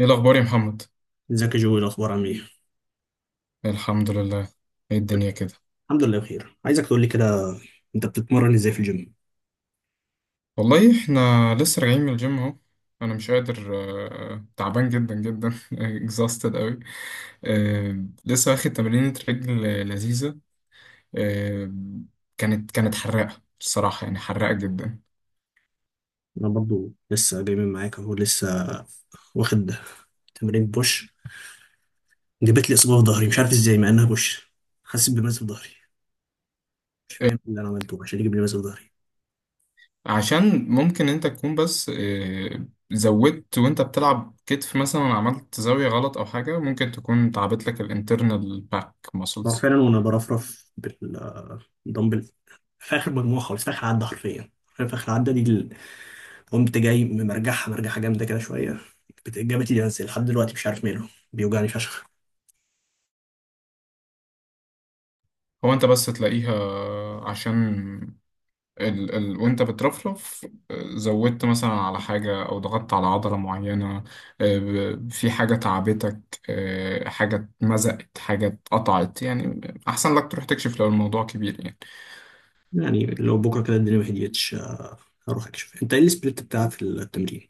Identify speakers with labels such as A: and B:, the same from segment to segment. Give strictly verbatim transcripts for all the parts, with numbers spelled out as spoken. A: ايه الاخبار يا محمد؟
B: ازيك يا جوي؟ الاخبار عامل ايه؟
A: الحمد لله. ايه الدنيا كده؟
B: الحمد لله بخير. عايزك تقول لي كده، انت بتتمرن ازاي في الجيم؟
A: والله احنا لسه راجعين من الجيم اهو. انا مش قادر. آه، تعبان جدا جدا. exhausted قوي. آه، لسه واخد تمرينة رجل لذيذة. آه، كانت كانت حراقة بصراحة، يعني حراقة جدا.
B: انا برضو لسه جاي من معاك اهو، لسه واخد تمرين بوش. جابت لي اصابه في ظهري، مش عارف ازاي مع انها بوش. حاسس بمزق في ظهري، مش فاهم اللي انا عملته عشان يجيب لي مزق في ظهري.
A: عشان ممكن انت تكون بس آه، زودت وانت بتلعب كتف مثلا، عملت زاوية غلط او حاجة، ممكن تكون تعبت لك الانترنال باك
B: هو فعلا
A: muscles.
B: وانا برفرف بالدمبل في اخر مجموعه خالص، في اخر عده حرفيا. في اخر عده دي ال- قمت جاي مرجعها مرجعها جامده كده شويه. بت- جابت لي مزق لحد دلوقتي، مش عارف ماله بيوجعني فشخ.
A: هو انت بس تلاقيها عشان ال ال وانت بترفرف آه، زودت مثلا على حاجة او ضغطت على عضلة معينة. آه، ب- في حاجة تعبتك. آه، حاجة اتمزقت حاجة اتقطعت يعني. احسن لك تروح تكشف لو الموضوع كبير يعني.
B: يعني لو بكرة كده الدنيا ما هديتش آه، هروح أكشف. أنت إيه السبليت بتاع في التمرين؟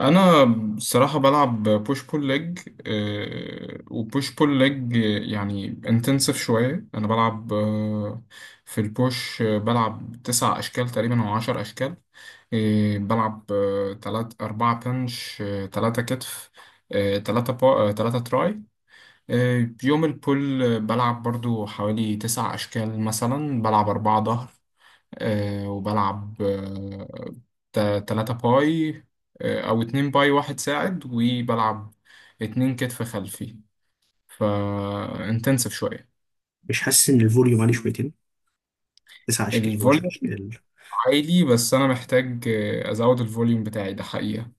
A: انا بصراحه بلعب بوش بول ليج، وبوش بول ليج يعني انتنسيف شويه. انا بلعب آه، في البوش آه، بلعب تسع اشكال تقريبا او عشر اشكال. آه، بلعب آه، تلات أربعة بنش، آه، تلاتة كتف، آه، تلاتة با... آه، تلاتة تراي. آه، يوم البول آه، بلعب برضو حوالي تسع أشكال، مثلا بلعب أربعة ظهر، آه، وبلعب آه، تا- تلاتة باي، آه، أو اتنين باي واحد ساعد، وبلعب اتنين كتف خلفي. فانتنسف شوية.
B: مش حاسس إن الفوليوم عليه شويتين؟ 9 أشكال و10
A: الفوليوم
B: أشكال؟
A: عالي، بس أنا محتاج آه، أزود الفوليوم بتاعي ده حقيقة.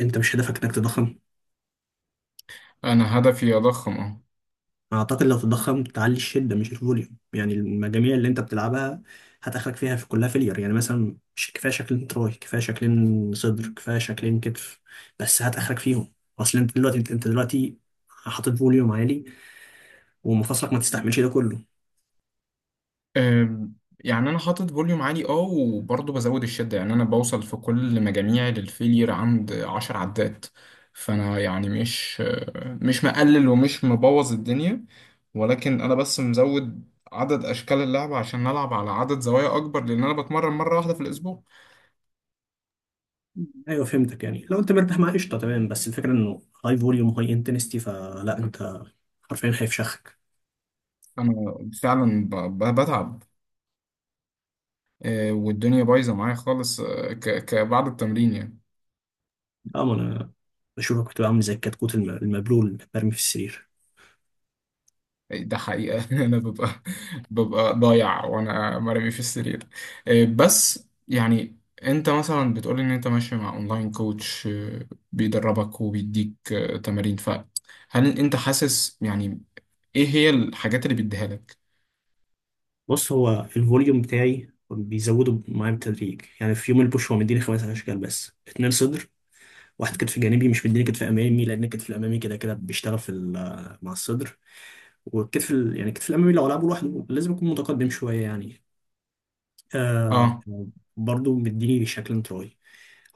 B: أنت مش هدفك إنك تضخم؟
A: أنا هدفي أضخم أهو.
B: أعتقد لو تضخم تعلي الشدة مش الفوليوم، يعني المجاميع اللي أنت بتلعبها هتاخرك فيها، في كلها فيلير. يعني مثلا مش كفاية شكلين تراي، كفاية شكلين صدر، كفاية شكلين كتف، بس هتاخرك فيهم. أصل أنت دلوقتي أنت أنت دلوقتي حاطط فوليوم عالي ومفاصلك ما تستحملش ده كله.
A: أم، يعني انا حاطط فوليوم عالي اه، وبرضه بزود الشده. يعني انا بوصل في كل مجاميعي للفيلير عند عشر عدات. فانا يعني مش مش مقلل ومش مبوظ الدنيا، ولكن انا بس مزود عدد اشكال اللعبه عشان نلعب على عدد زوايا اكبر، لان انا بتمرن مره واحده في الاسبوع.
B: ايوه فهمتك، يعني لو انت مرتاح مع قشطه تمام، بس الفكره انه هاي فوليوم هاي انتنستي، فلا انت حرفيا خايف شخك.
A: انا فعلا ب- ب- بتعب. أه، والدنيا بايظه معايا خالص. أه، ك- ك- بعد التمرين يعني.
B: اه، ما انا بشوفك كنت عامل زي الكتكوت الم- المبلول اللي مرمي في السرير.
A: ده حقيقة. أنا ببقى ببقى ضايع وأنا مرمي في السرير. إيه، بس يعني أنت مثلا بتقول إن أنت ماشي مع أونلاين كوتش، إيه، بيدربك وبيديك إيه، تمارين. فهل أنت حاسس يعني إيه هي الحاجات اللي بيديها لك؟
B: بص، هو الفوليوم بتاعي بيزوده معايا بالتدريج، يعني في يوم البوش هو مديني خمس اشكال، بس اتنين صدر واحد كتف جانبي. مش مديني كتف امامي لان الكتف الامامي كده كده بيشتغل في ال- مع الصدر، والكتف ال... يعني الكتف الامامي لو العبه لوحده لازم يكون متقدم شويه يعني آه
A: أه
B: برضه مديني شكل تراي،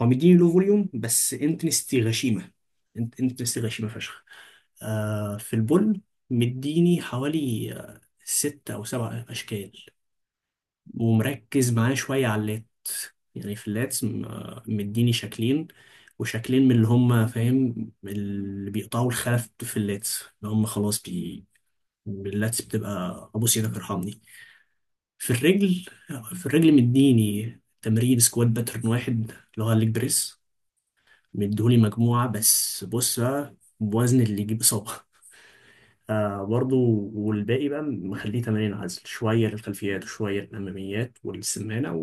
B: هو مديني لو فوليوم بس انتنستي غشيمه، انت انتنستي غشيمه فشخ. آه في البول مديني حوالي آه، ست او سبع اشكال، ومركز معاه شويه على اللات. يعني في اللاتس م- آه، مديني شكلين، وشكلين من اللي هم فاهم اللي بيقطعوا الخلف في اللاتس، اللي هم خلاص بي اللاتس بتبقى ابو سيدك ارحمني. في الرجل، في الرجل مديني تمرين سكوات باترن واحد، اللي هو الليج بريس، مديهولي مجموعة بس. بص بقى، بوزن اللي يجيب إصابة آه برضو والباقي بقى مخليه تمارين عزل، شوية للخلفيات وشوية للأماميات والسمانة،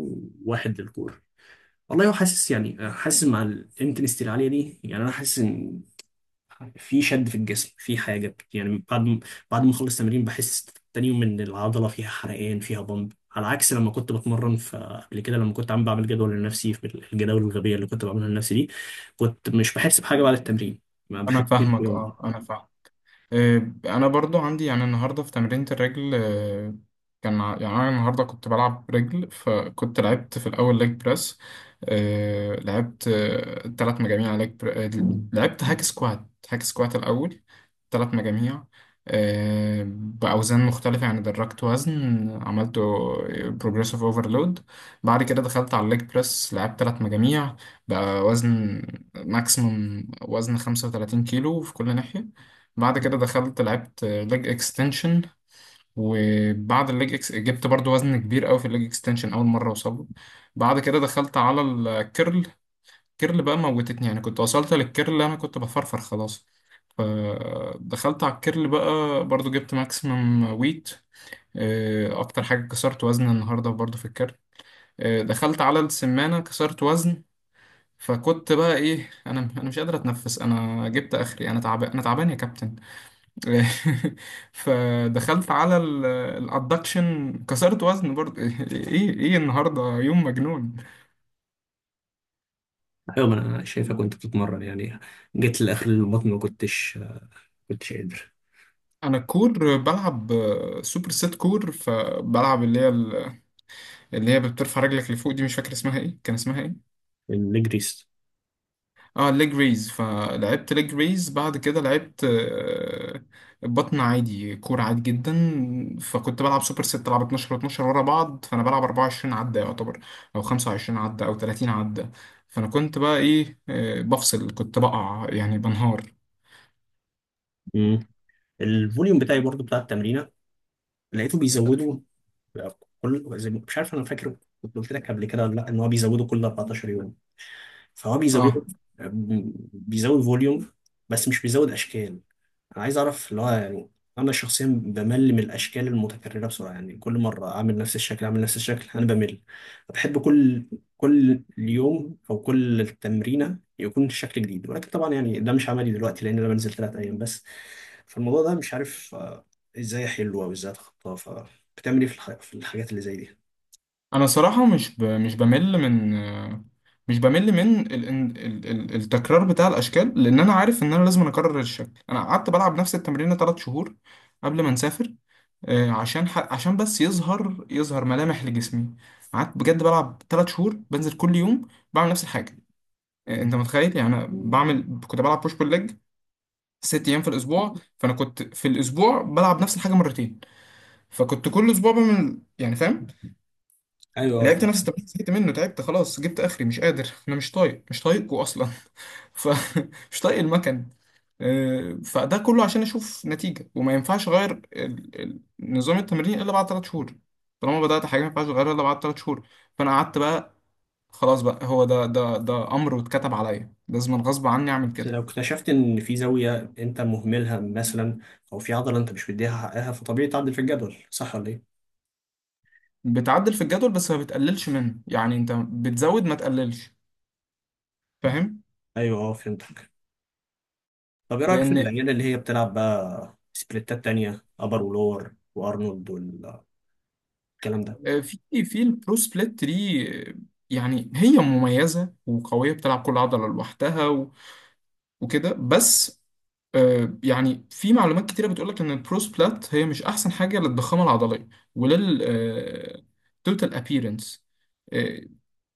B: وواحد للكورة. والله هو حاسس، يعني آه، حاسس مع الانتنستي العالية دي، يعني أنا حاسس إن في شد في الجسم، في حاجة، يعني بعد ما- بعد ما أخلص تمرين بحس تاني يوم إن العضلة فيها حرقان فيها بامب، على عكس لما كنت بتمرن. فقبل كده لما كنت عم بعمل جدول لنفسي، في الجداول الغبية اللي كنت بعملها لنفسي دي، كنت مش بحس بحاجة بعد التمرين، ما بحس
A: أنا
B: كده في
A: فاهمك.
B: يوم.
A: أه أنا فاهم. آه، انا برضو عندي يعني النهارده في تمرينة الرجل. آه، كان ع- يعني انا النهارده كنت بلعب رجل، فكنت لعبت في الاول ليج بريس. آه، لعبت آه، تلات مجاميع ليج بر... آه، لعبت هاك سكوات، هاك سكوات الاول تلات مجاميع آه، باوزان مختلفه. يعني درجت وزن، عملته بروجريسيف اوفرلود. بعد كده دخلت على الليج بريس، لعبت تلات مجاميع بقى وزن ماكسيموم، وزن 35 كيلو في كل ناحيه. بعد كده دخلت لعبت ليج اكستنشن، وبعد الليج اكس جبت برضو وزن كبير قوي في الليج اكستنشن، اول مره اوصله. بعد كده دخلت على الكيرل. كيرل بقى موتتني يعني، كنت وصلت للكيرل انا كنت بفرفر خلاص. فدخلت على الكيرل بقى برضو جبت ماكسيمم ويت. آه، اكتر حاجه كسرت وزن النهارده برضو في الكيرل. آه، دخلت على السمانه كسرت وزن. فكنت بقى ايه، انا انا مش قادر اتنفس، انا جبت اخري، انا تعبان انا تعبان يا كابتن. فدخلت على الادكشن كسرت وزن برضه. ايه ايه النهارده يوم مجنون.
B: أيوة، ما أنا شايفها كنت بتتمرن، يعني جيت لآخر البطن ما كنتش كنتش قادر.
A: انا كور بلعب سوبر سيت كور، فبلعب اللي هي اللي هي بترفع رجلك لفوق دي، مش فاكر اسمها ايه، كان اسمها ايه.
B: النجريس.
A: اه، ليج ريز. فلعبت ليج ريز، بعد كده لعبت آه، بطن عادي كورة عادي جدا. فكنت بلعب سوبر ست، بلعب اتناشر و12 ورا بعض، فانا بلعب أربعة وعشرين عدة يعتبر، او خمسة وعشرين عدة او تلاتين عدة. فانا كنت بقى ايه، آه، بفصل، كنت بقع يعني بنهار.
B: الفوليوم بتاعي برضو بتاع التمرينة لقيته بيزودوا بقى، كل زي ما- مش عارف، انا فاكر كنت قلت لك قبل كده ولا لا، ان هو بيزودوا كل 14 يوم، فهو بيزود
A: اه
B: بيزود فوليوم بس مش بيزود اشكال. انا عايز اعرف اللي هو يعني، انا شخصيا بمل من الاشكال المتكرره بسرعه، يعني كل مره اعمل نفس الشكل اعمل نفس الشكل انا بمل. بحب كل كل يوم او كل تمرينه يكون شكل جديد، ولكن طبعا يعني ده مش عملي دلوقتي لان انا بنزل ثلاثة أيام بس. فالموضوع ده مش عارف آه، ازاي احله او ازاي اتخطاه. بتعمل ايه في الح... في الحاجات اللي زي دي؟
A: انا صراحة مش ب... مش بمل من آه، مش بمل من ال... ال... ال... التكرار بتاع الاشكال، لان انا عارف ان انا لازم اكرر الشكل. انا قعدت بلعب نفس التمرين 3 شهور قبل ما نسافر، آه، عشان ح... عشان بس يظهر يظهر ملامح لجسمي. قعدت بجد بلعب ثلاث شهور، بنزل كل يوم بعمل نفس الحاجه. آه، انت متخيل يعني انا بعمل، كنت بلعب بوش بول ليج ست ايام في الاسبوع، فانا كنت في الاسبوع بلعب نفس الحاجه مرتين. فكنت كل اسبوع بعمل، يعني فاهم،
B: ايوه، آه،
A: لعبت نفس التمرين زهقت منه تعبت خلاص، جبت اخري مش قادر، انا مش طايق، مش طايقكم اصلا. ف مش طايق المكن. آه، فده كله عشان اشوف نتيجه. وما ينفعش اغير ال- ال- نظام التمرين الا بعد ثلاث شهور. طالما بدات حاجه ما ينفعش اغيرها الا بعد ثلاث شهور. فانا قعدت بقى خلاص بقى، هو ده ده ده امر واتكتب عليا، لازم غصب عني اعمل
B: بس
A: كده.
B: لو اكتشفت ان في زاويه انت مهملها مثلا، او في عضله انت مش مديها حقها، فطبيعي تعدل في الجدول، صح ولا ايه؟
A: بتعدل في الجدول بس ما بتقللش منه، يعني انت بتزود ما تقللش، فاهم؟
B: ايوه، اه، فهمتك. طب ايه رايك في
A: لان
B: العيال اللي هي بتلعب بقى سبليتات تانية، ابر ولور وارنولد والكلام ده؟
A: آه، في في البرو سبليت دي آه، يعني هي مميزة وقوية، بتلعب كل عضلة لوحدها و- وكده بس. آه، يعني في معلومات كتيرة بتقولك إن البرو سبلات هي مش أحسن حاجة للضخامة العضلية ولل توتال أبيرنس.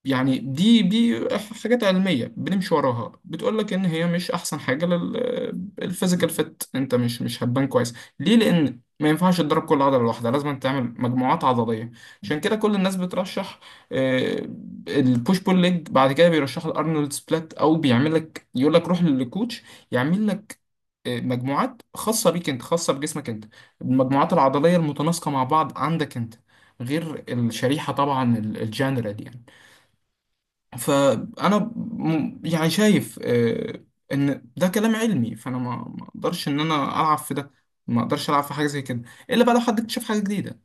A: يعني دي دي حاجات علمية بنمشي وراها، بتقول لك ان هي مش احسن حاجة للفيزيكال فت، انت مش مش هتبان كويس. ليه؟ لان ما ينفعش تضرب كل عضلة لوحدها، لازم تعمل مجموعات عضلية. عشان كده كل الناس بترشح البوش بول ليج، بعد كده بيرشح الارنولد سبلات. او بيعمل لك، يقول لك روح للكوتش يعمل لك آه، مجموعات خاصة بيك انت، خاصة بجسمك انت، المجموعات العضلية المتناسقة مع بعض عندك انت، غير الشريحة طبعا الجنرال يعني. فانا م- يعني شايف آه، ان ده كلام علمي. فانا ما ما اقدرش ان انا العب في ده. ما اقدرش العب في حاجه زي كده، الا بقى لو حد اكتشف حاجه جديده.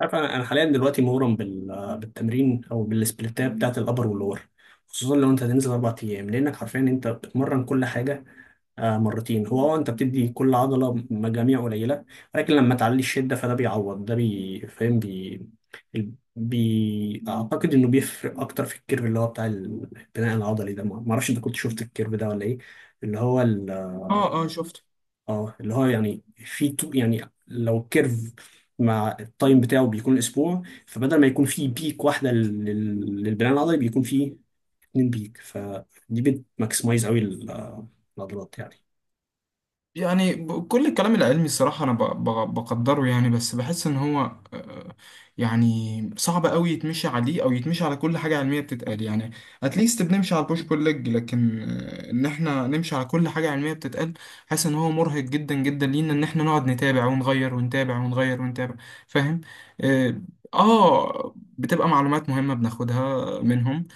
B: عارف، انا أنا حاليا دلوقتي مغرم بال... بالتمرين او بالسبليتات بتاعت الابر واللور، خصوصا لو انت هتنزل اربع ايام لانك حرفيا انت بتمرن كل حاجه آه، مرتين. هو اه، انت بتدي كل عضله مجاميع قليله، ولكن لما تعلي الشده فده بيعوض ده، بي فاهم بي, ال- بي... اعتقد انه بيفرق اكتر في الكيرف اللي هو بتاع البناء العضلي ده، ما ما اعرفش انت كنت شفت الكيرف ده ولا ايه، اللي هو ال...
A: اه اه شفت.
B: اه. اللي هو يعني في تو... يعني لو الكيرف مع التايم بتاعه بيكون اسبوع، فبدل ما يكون فيه بيك واحده لل... للبناء العضلي، بيكون فيه اتنين بيك. فدي بتماكسمايز قوي ال- آه، العضلات.
A: يعني ب- كل الكلام العلمي الصراحة أنا ب- ب- بقدره يعني، بس بحس إن هو آه، يعني صعب أوي يتمشي عليه، أو يتمشي على كل حاجة علمية بتتقال يعني. أتليست بنمشي على البوش بول ليج، لكن آه، إن إحنا نمشي على كل حاجة علمية بتتقال، حاسس إن هو مرهق جدا جدا لينا، إن إحنا نقعد نتابع ونغير ونتابع ونغير ونتابع، فاهم؟ آه. آه، بتبقى معلومات مهمة بناخدها منهم،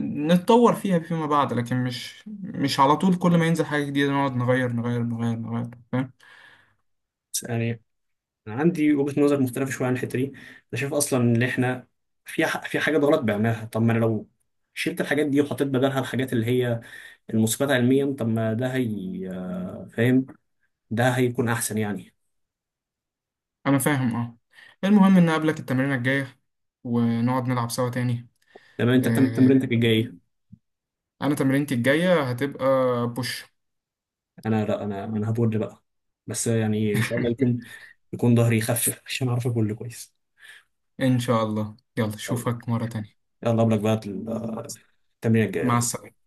A: نتطور فيها فيما بعد. لكن مش مش على طول كل ما ينزل حاجة جديدة نقعد نغير نغير نغير نغير، فاهم؟
B: يعني انا عندي وجهة نظر مختلفة شوية عن الحتة دي. انا شايف اصلا ان احنا في ح- في حاجات غلط بعملها، طب ما انا لو شلت الحاجات دي وحطيت بدلها الحاجات اللي هي المثبتة علميا، طب ما ده هي آه، فاهم، ده هيكون احسن يعني.
A: أنا فاهم أه. المهم إن أقابلك التمرينة الجاية، ونقعد نلعب سوا تاني.
B: تمام، انت بتعمل
A: آه،
B: تمرينتك الجاية إيه؟
A: أنا تمرينتي الجاية هتبقى بوش.
B: انا لا، انا انا هبول بقى. بس يعني ان شاء الله يكون يكون ظهري يخفف عشان اعرف ابول كويس.
A: إن شاء الله، يلا أشوفك مرة تانية.
B: يلا قبلك بقى التمرين
A: مع
B: الجاي.
A: السلامة.